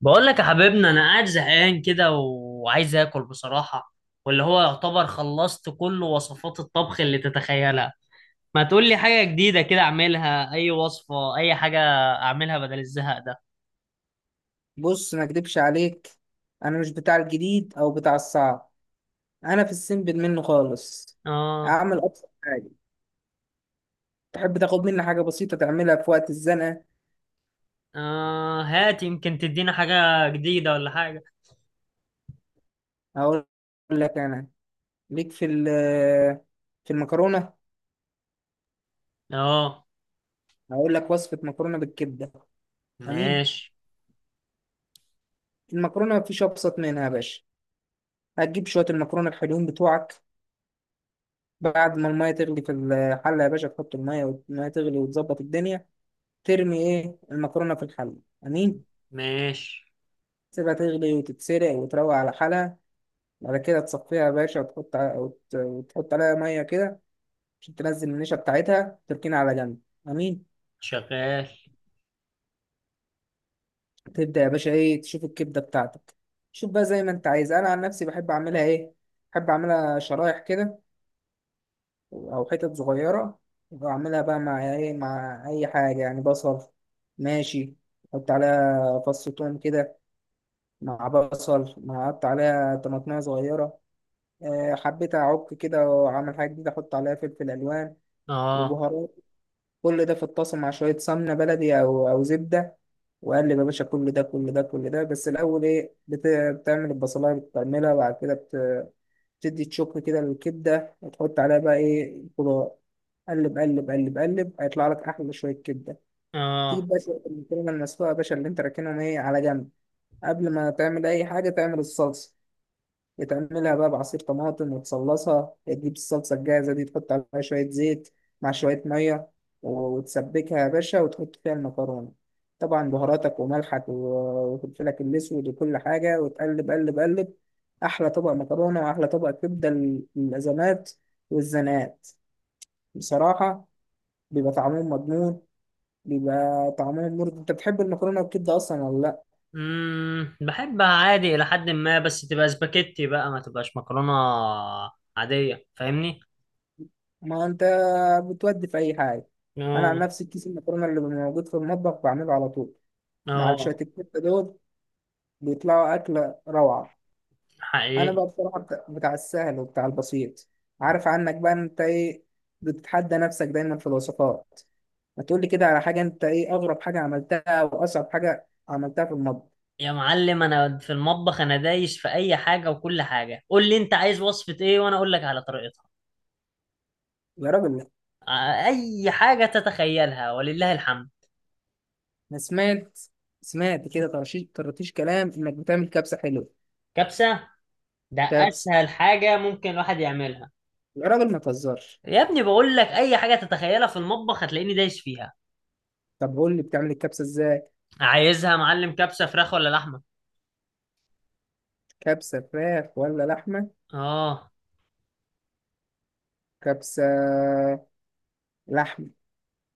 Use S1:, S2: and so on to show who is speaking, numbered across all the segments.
S1: بقول لك يا حبيبنا انا قاعد زهقان كده وعايز اكل بصراحة. واللي هو يعتبر خلصت كل وصفات الطبخ اللي تتخيلها. ما تقول لي حاجة جديدة كده اعملها، اي وصفة اي حاجة اعملها بدل الزهق ده.
S2: بص، ما اكدبش عليك. انا مش بتاع الجديد او بتاع الصعب. انا في السيمبل منه خالص.
S1: اه.
S2: اعمل ابسط حاجه. تحب تاخد مني حاجه بسيطه تعملها في وقت الزنقه؟
S1: اه، هات يمكن تدينا حاجة جديدة ولا حاجة.
S2: اقول لك انا ليك في المكرونه.
S1: اه
S2: هقول لك وصفه مكرونه بالكبده. امين.
S1: ماشي.
S2: المكرونه مفيش ابسط منها يا باشا. هتجيب شويه المكرونه الحلوين بتوعك. بعد ما الميه تغلي في الحله يا باشا، تحط الميه والميه تغلي وتظبط الدنيا. ترمي ايه المكرونه في الحله. امين.
S1: ماشي.
S2: تسيبها تغلي وتتسلق وتروق على حالها. بعد كده تصفيها يا باشا وتحط عليها مية كده عشان تنزل النشا بتاعتها، تركينها على جنب. أمين.
S1: شغال.
S2: تبدأ يا باشا إيه تشوف الكبدة بتاعتك. شوف بقى زي ما أنت عايز، أنا عن نفسي بحب أعملها إيه، بحب أعملها شرايح كده أو حتت صغيرة. وأعملها بقى مع إيه، مع أي حاجة يعني بصل. ماشي. أحط عليها فص توم كده، مع بصل، مع أحط عليها طماطمية صغيرة. آه، حبيت أعك كده وأعمل حاجة جديدة، أحط عليها فلفل ألوان
S1: اه.
S2: وبهارات. كل ده في الطاسة مع شوية سمنة بلدي أو زبدة. وأقلب يا باشا كل ده كل ده كل ده، بس الأول إيه بتعمل البصلاية، بتعملها وبعد كده بتدي تشك كده للكبدة وتحط عليها بقى إيه الخضار. قلب قلب قلب قلب هيطلع لك أحلى شوية كبدة. تجيب
S1: اه.
S2: بقى شوية المكرونة المسلوقة يا باشا اللي أنت راكنهم إيه على جنب. قبل ما تعمل أي حاجة تعمل الصلصة. بتعملها بقى بعصير طماطم وتصلصها، تجيب الصلصة الجاهزة دي تحط عليها شوية زيت مع شوية مية وتسبكها يا باشا وتحط فيها المكرونة. طبعا بهاراتك وملحك وفلفلك الأسود وكل حاجة وتقلب قلب قلب. أحلى طبق مكرونة وأحلى طبق كبدة للأزمات والزنات بصراحة. بيبقى طعمهم مضمون. بيبقى طعمهم مرضي. أنت بتحب المكرونة والكبدة أصلا ولا لأ؟
S1: بحبها عادي الى حد ما، بس تبقى سباكيتي بقى، ما تبقاش مكرونة عادية، فاهمني.
S2: ما انت بتودي في اي حاجه. انا عن
S1: اه.
S2: نفسي كيس المكرونه اللي موجود في المطبخ بعمله على طول مع
S1: اه.
S2: الشات الكوتة دول، بيطلعوا اكله روعه. انا
S1: حقيقي.
S2: بقى بصراحه بتاع السهل وبتاع البسيط. عارف عنك بقى انت ايه، بتتحدى نفسك دايما في الوصفات. ما تقولي كده على حاجه، انت ايه اغرب حاجه عملتها واصعب حاجه عملتها في المطبخ؟
S1: يا معلم انا في المطبخ انا دايس في اي حاجه وكل حاجه، قول لي انت عايز وصفه ايه وانا اقول لك على طريقتها.
S2: يا راجل لا،
S1: اي حاجه تتخيلها ولله الحمد.
S2: انا سمعت كده طرطيش طرطيش كلام انك بتعمل كبسه حلوه.
S1: كبسه. ده
S2: كبسه؟
S1: اسهل حاجه ممكن الواحد يعملها.
S2: يا راجل ما تهزرش.
S1: يا ابني بقول لك اي حاجه تتخيلها في المطبخ هتلاقيني دايس فيها.
S2: طب قول لي بتعمل الكبسه ازاي.
S1: عايزها يا معلم كبسه فراخ ولا لحمه؟
S2: كبسة فراخ ولا لحمة؟
S1: اه.
S2: كبسة لحمة.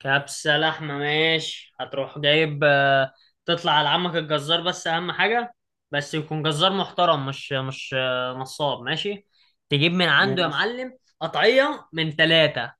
S1: كبسة لحمة، ماشي. هتروح جايب تطلع على عمك الجزار، بس أهم حاجة يكون جزار محترم، مش نصاب، ماشي. تجيب من عنده يا
S2: ماشي.
S1: معلم قطعية من 3،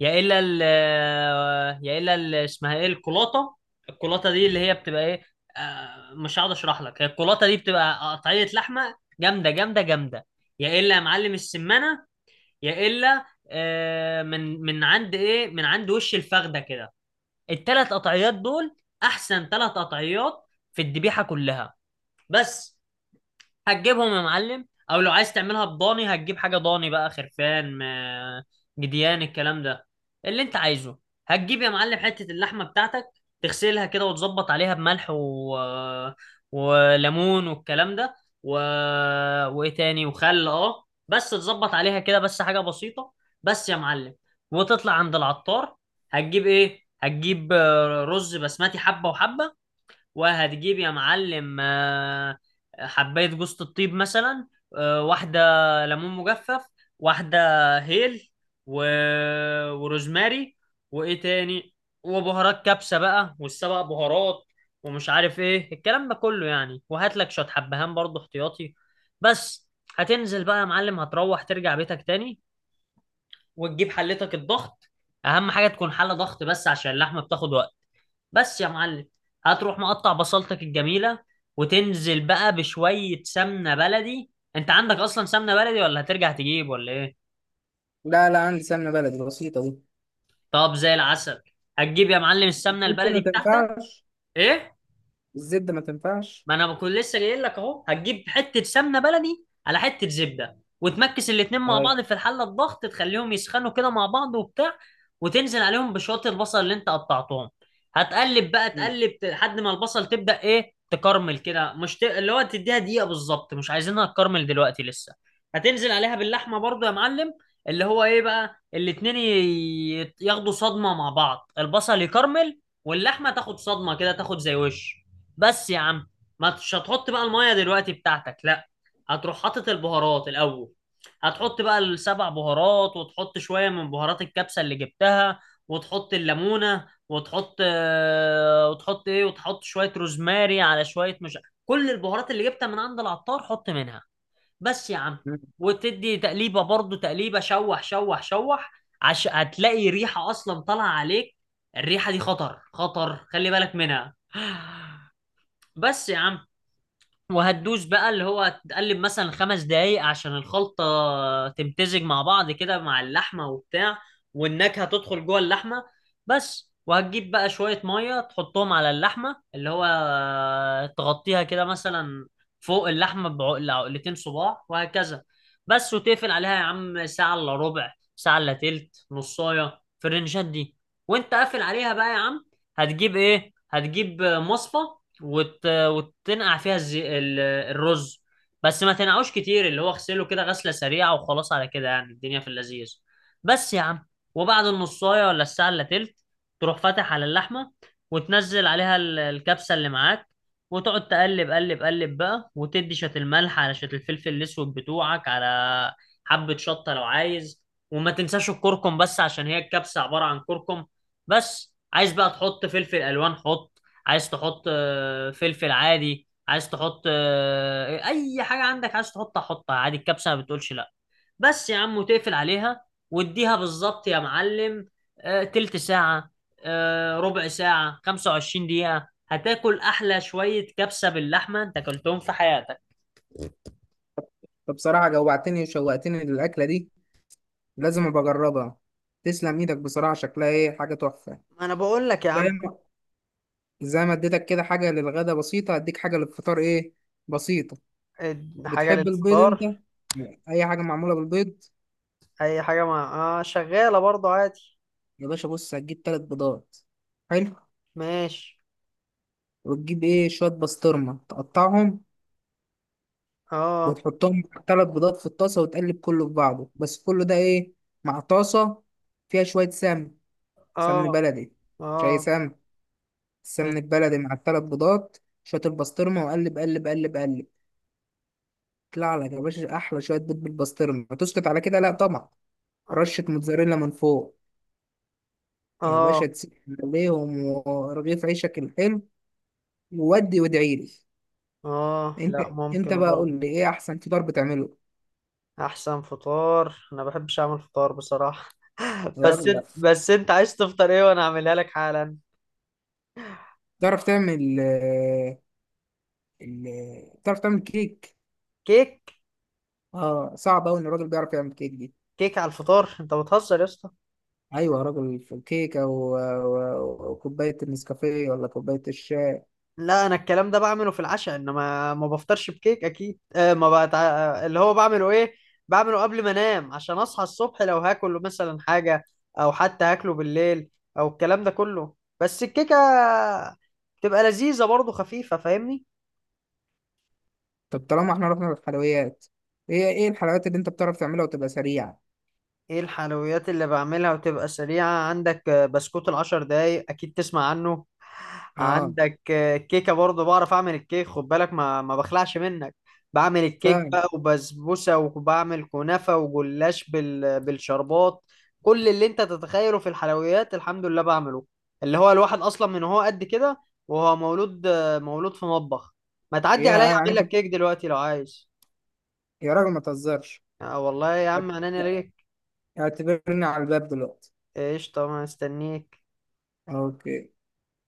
S1: يا إلا ال اسمها إيه، الكولاطة. الكولاطة دي اللي هي بتبقى إيه، مش هقعد أشرح لك، هي الكولاطة دي بتبقى قطعية لحمة جامدة جامدة جامدة. يا إلا يا معلم السمنة، يا إلا من عند إيه، من عند وش الفخدة كده. الـ3 قطعيات دول احسن 3 قطعيات في الذبيحه كلها. بس. هتجيبهم يا معلم، او لو عايز تعملها بضاني هتجيب حاجه ضاني، بقى خرفان، م- جديان، الكلام ده اللي انت عايزه. هتجيب يا معلم حته اللحمه بتاعتك، تغسلها كده وتظبط عليها بملح وليمون والكلام ده، و... وايه تاني، وخل بس، تظبط عليها كده بس حاجه بسيطه، بس يا معلم. وتطلع عند العطار، هتجيب ايه، هتجيب رز بسمتي حبه وحبه، وهتجيب يا معلم حباية جوزة الطيب مثلا، واحدة ليمون مجفف، واحدة هيل، و... وروزماري، وإيه تاني، وبهارات كبسة بقى، والسبع بهارات، ومش عارف إيه الكلام ده كله يعني. وهات لك شوية حبهان برضه احتياطي، بس. هتنزل بقى يا معلم، هتروح ترجع بيتك تاني وتجيب حلتك الضغط، أهم حاجة تكون حلة ضغط بس عشان اللحمة بتاخد وقت، بس يا معلم. هتروح مقطع بصلتك الجميلة، وتنزل بقى بشوية سمنة بلدي. انت عندك اصلا سمنة بلدي ولا هترجع تجيب ولا ايه؟
S2: لا لا، عندي سمنة بلدي بسيطة دي.
S1: طب زي العسل. هتجيب يا معلم السمنة
S2: الزبدة ما
S1: البلدي بتاعتك.
S2: تنفعش.
S1: ايه؟
S2: الزبدة ما تنفعش.
S1: ما انا بكون لسه جاي لك اهو، هتجيب حته سمنه بلدي على حته زبده وتمكس الاتنين مع
S2: أي.
S1: بعض في الحله الضغط، تخليهم يسخنوا كده مع بعض وبتاع، وتنزل عليهم بشويه البصل اللي انت قطعتهم. هتقلب بقى، لحد ما البصل تبدا ايه، تكرمل كده، مش ت... اللي هو تديها دقيقه بالظبط، مش عايزينها تكرمل دلوقتي لسه. هتنزل عليها باللحمه برضو يا معلم، اللي هو ايه بقى، الاتنين ياخدوا صدمه مع بعض، البصل يكرمل واللحمه تاخد صدمه كده، تاخد زي وش، بس يا عم. ما تش، هتحط بقى المية دلوقتي بتاعتك؟ لا، هتروح حاطط البهارات الأول. هتحط بقى السبع بهارات، وتحط شوية من بهارات الكبسة اللي جبتها، وتحط الليمونة، وتحط ايه، وتحط شوية روزماري على شوية، مش كل البهارات اللي جبتها من عند العطار حط منها، بس يا عم. وتدي تقليبة برضو، تقليبة شوح شوح شوح، هتلاقي ريحة أصلا طالعة عليك، الريحة دي خطر خطر، خلي بالك منها. بس يا عم. وهتدوس بقى اللي هو تقلب مثلا 5 دقايق عشان الخلطة تمتزج مع بعض كده مع اللحمة وبتاع، والنكهة تدخل جوه اللحمة، بس. وهتجيب بقى شوية مية تحطهم على اللحمة، اللي هو تغطيها كده مثلا، فوق اللحمة بعقلة عقلتين صباع وهكذا، بس. وتقفل عليها يا عم ساعة إلا ربع، ساعة إلا تلت، نصاية في الرنجات دي. وانت قافل عليها بقى يا عم هتجيب ايه، هتجيب مصفى، وتنقع فيها الرز، بس ما تنقعوش كتير، اللي هو اغسله كده غسله سريعه وخلاص، على كده يعني الدنيا في اللذيذ، بس يا عم. وبعد النصايه ولا الساعه الا تلت تروح فاتح على اللحمه، وتنزل عليها الكبسه اللي معاك، وتقعد تقلب، قلب قلب بقى، وتدي شويه الملح على شويه الفلفل الاسود بتوعك، على حبه شطه لو عايز، وما تنساش الكركم بس، عشان هي الكبسه عباره عن كركم. بس عايز بقى تحط فلفل الوان حط، عايز تحط فلفل عادي، عايز تحط اي حاجه عندك عايز تحطها حطها عادي، الكبسه ما بتقولش لا. بس يا عم، وتقفل عليها واديها بالظبط يا معلم تلت ساعه، ربع ساعه، 25 دقيقه، هتاكل احلى شويه كبسه باللحمه انت اكلتهم في حياتك.
S2: فبصراحة جوعتني وشوقتني للأكلة دي، لازم أبقى أجربها. تسلم إيدك بصراحة، شكلها إيه حاجة تحفة. زي ما زي ما اديتك كده حاجة للغدا بسيطة، هديك حاجة للفطار إيه بسيطة.
S1: اديها.
S2: بتحب البيض أنت؟
S1: للفطار.
S2: أي حاجة معمولة بالبيض.
S1: اي حاجه مع، شغاله برضو عادي.
S2: يا باشا بص هتجيب تلات بيضات. حلو.
S1: ماشي.
S2: وتجيب ايه شوية بسطرمة تقطعهم
S1: اه.
S2: وتحطهم مع تلات بيضات في الطاسة وتقلب كله في بعضه، بس كله ده ايه مع طاسة فيها شوية سمن، سمن
S1: اه.
S2: بلدي، مش أي
S1: اه.
S2: سمن. السمن
S1: ماشي.
S2: البلدي مع التلات بيضات، شوية البسطرمة وقلب قلب قلب قلب. يطلع لك يا باشا أحلى شوية بيض بالبسطرمة. هتسكت على كده؟ لأ طبعا. رشة موتزاريلا من فوق يا باشا،
S1: اه.
S2: تسيب عليهم ورغيف عيشك الحلو وودي وادعيلي.
S1: اه.
S2: انت
S1: لا،
S2: انت
S1: ممكن
S2: بقى
S1: برضو.
S2: قول لي ايه احسن فطار بتعمله.
S1: احسن فطار، انا ما بحبش اعمل فطار بصراحه،
S2: يا
S1: بس
S2: راجل
S1: انت
S2: لا،
S1: بس انت عايز تفطر ايه وانا اعملها لك حالا.
S2: تعرف تعمل كيك؟
S1: كيك.
S2: اه صعب أوي إن الراجل بيعرف يعمل كيك دي.
S1: كيك على الفطار، انت بتهزر يا اسطى؟
S2: أيوة يا راجل، في الكيكة وكوباية النسكافيه ولا كوباية الشاي.
S1: لا، انا الكلام ده بعمله في العشاء، انما ما بفطرش بكيك اكيد، ما بقى اللي هو بعمله ايه، بعمله قبل ما انام عشان اصحى الصبح، لو هاكله مثلا حاجه، او حتى هاكله بالليل، او الكلام ده كله، بس الكيكه تبقى لذيذه برضه، خفيفه، فاهمني.
S2: طب طالما احنا رحنا للحلويات، ايه الحلويات اللي انت بتعرف تعملها وتبقى سريعة؟
S1: ايه الحلويات اللي بعملها وتبقى سريعة؟ عندك بسكوت الـ10 دقايق اكيد تسمع عنه،
S2: اه،
S1: عندك كيكة برضه، بعرف اعمل الكيك، خد بالك ما بخلعش منك. بعمل الكيك
S2: فاهم.
S1: بقى، وبسبوسة، وبعمل كنافة وجلاش بالشربات، كل اللي انت تتخيله في الحلويات الحمد لله بعمله. اللي هو الواحد اصلا من هو قد كده وهو مولود، مولود في مطبخ، ما تعدي عليا
S2: يعني
S1: اعمل
S2: انت.
S1: لك كيك دلوقتي لو عايز.
S2: يا راجل ما تهزرش،
S1: آه والله يا عم عناني ليك.
S2: اعتبرني على الباب دلوقتي.
S1: قشطة، ما استنيك.
S2: اوكي.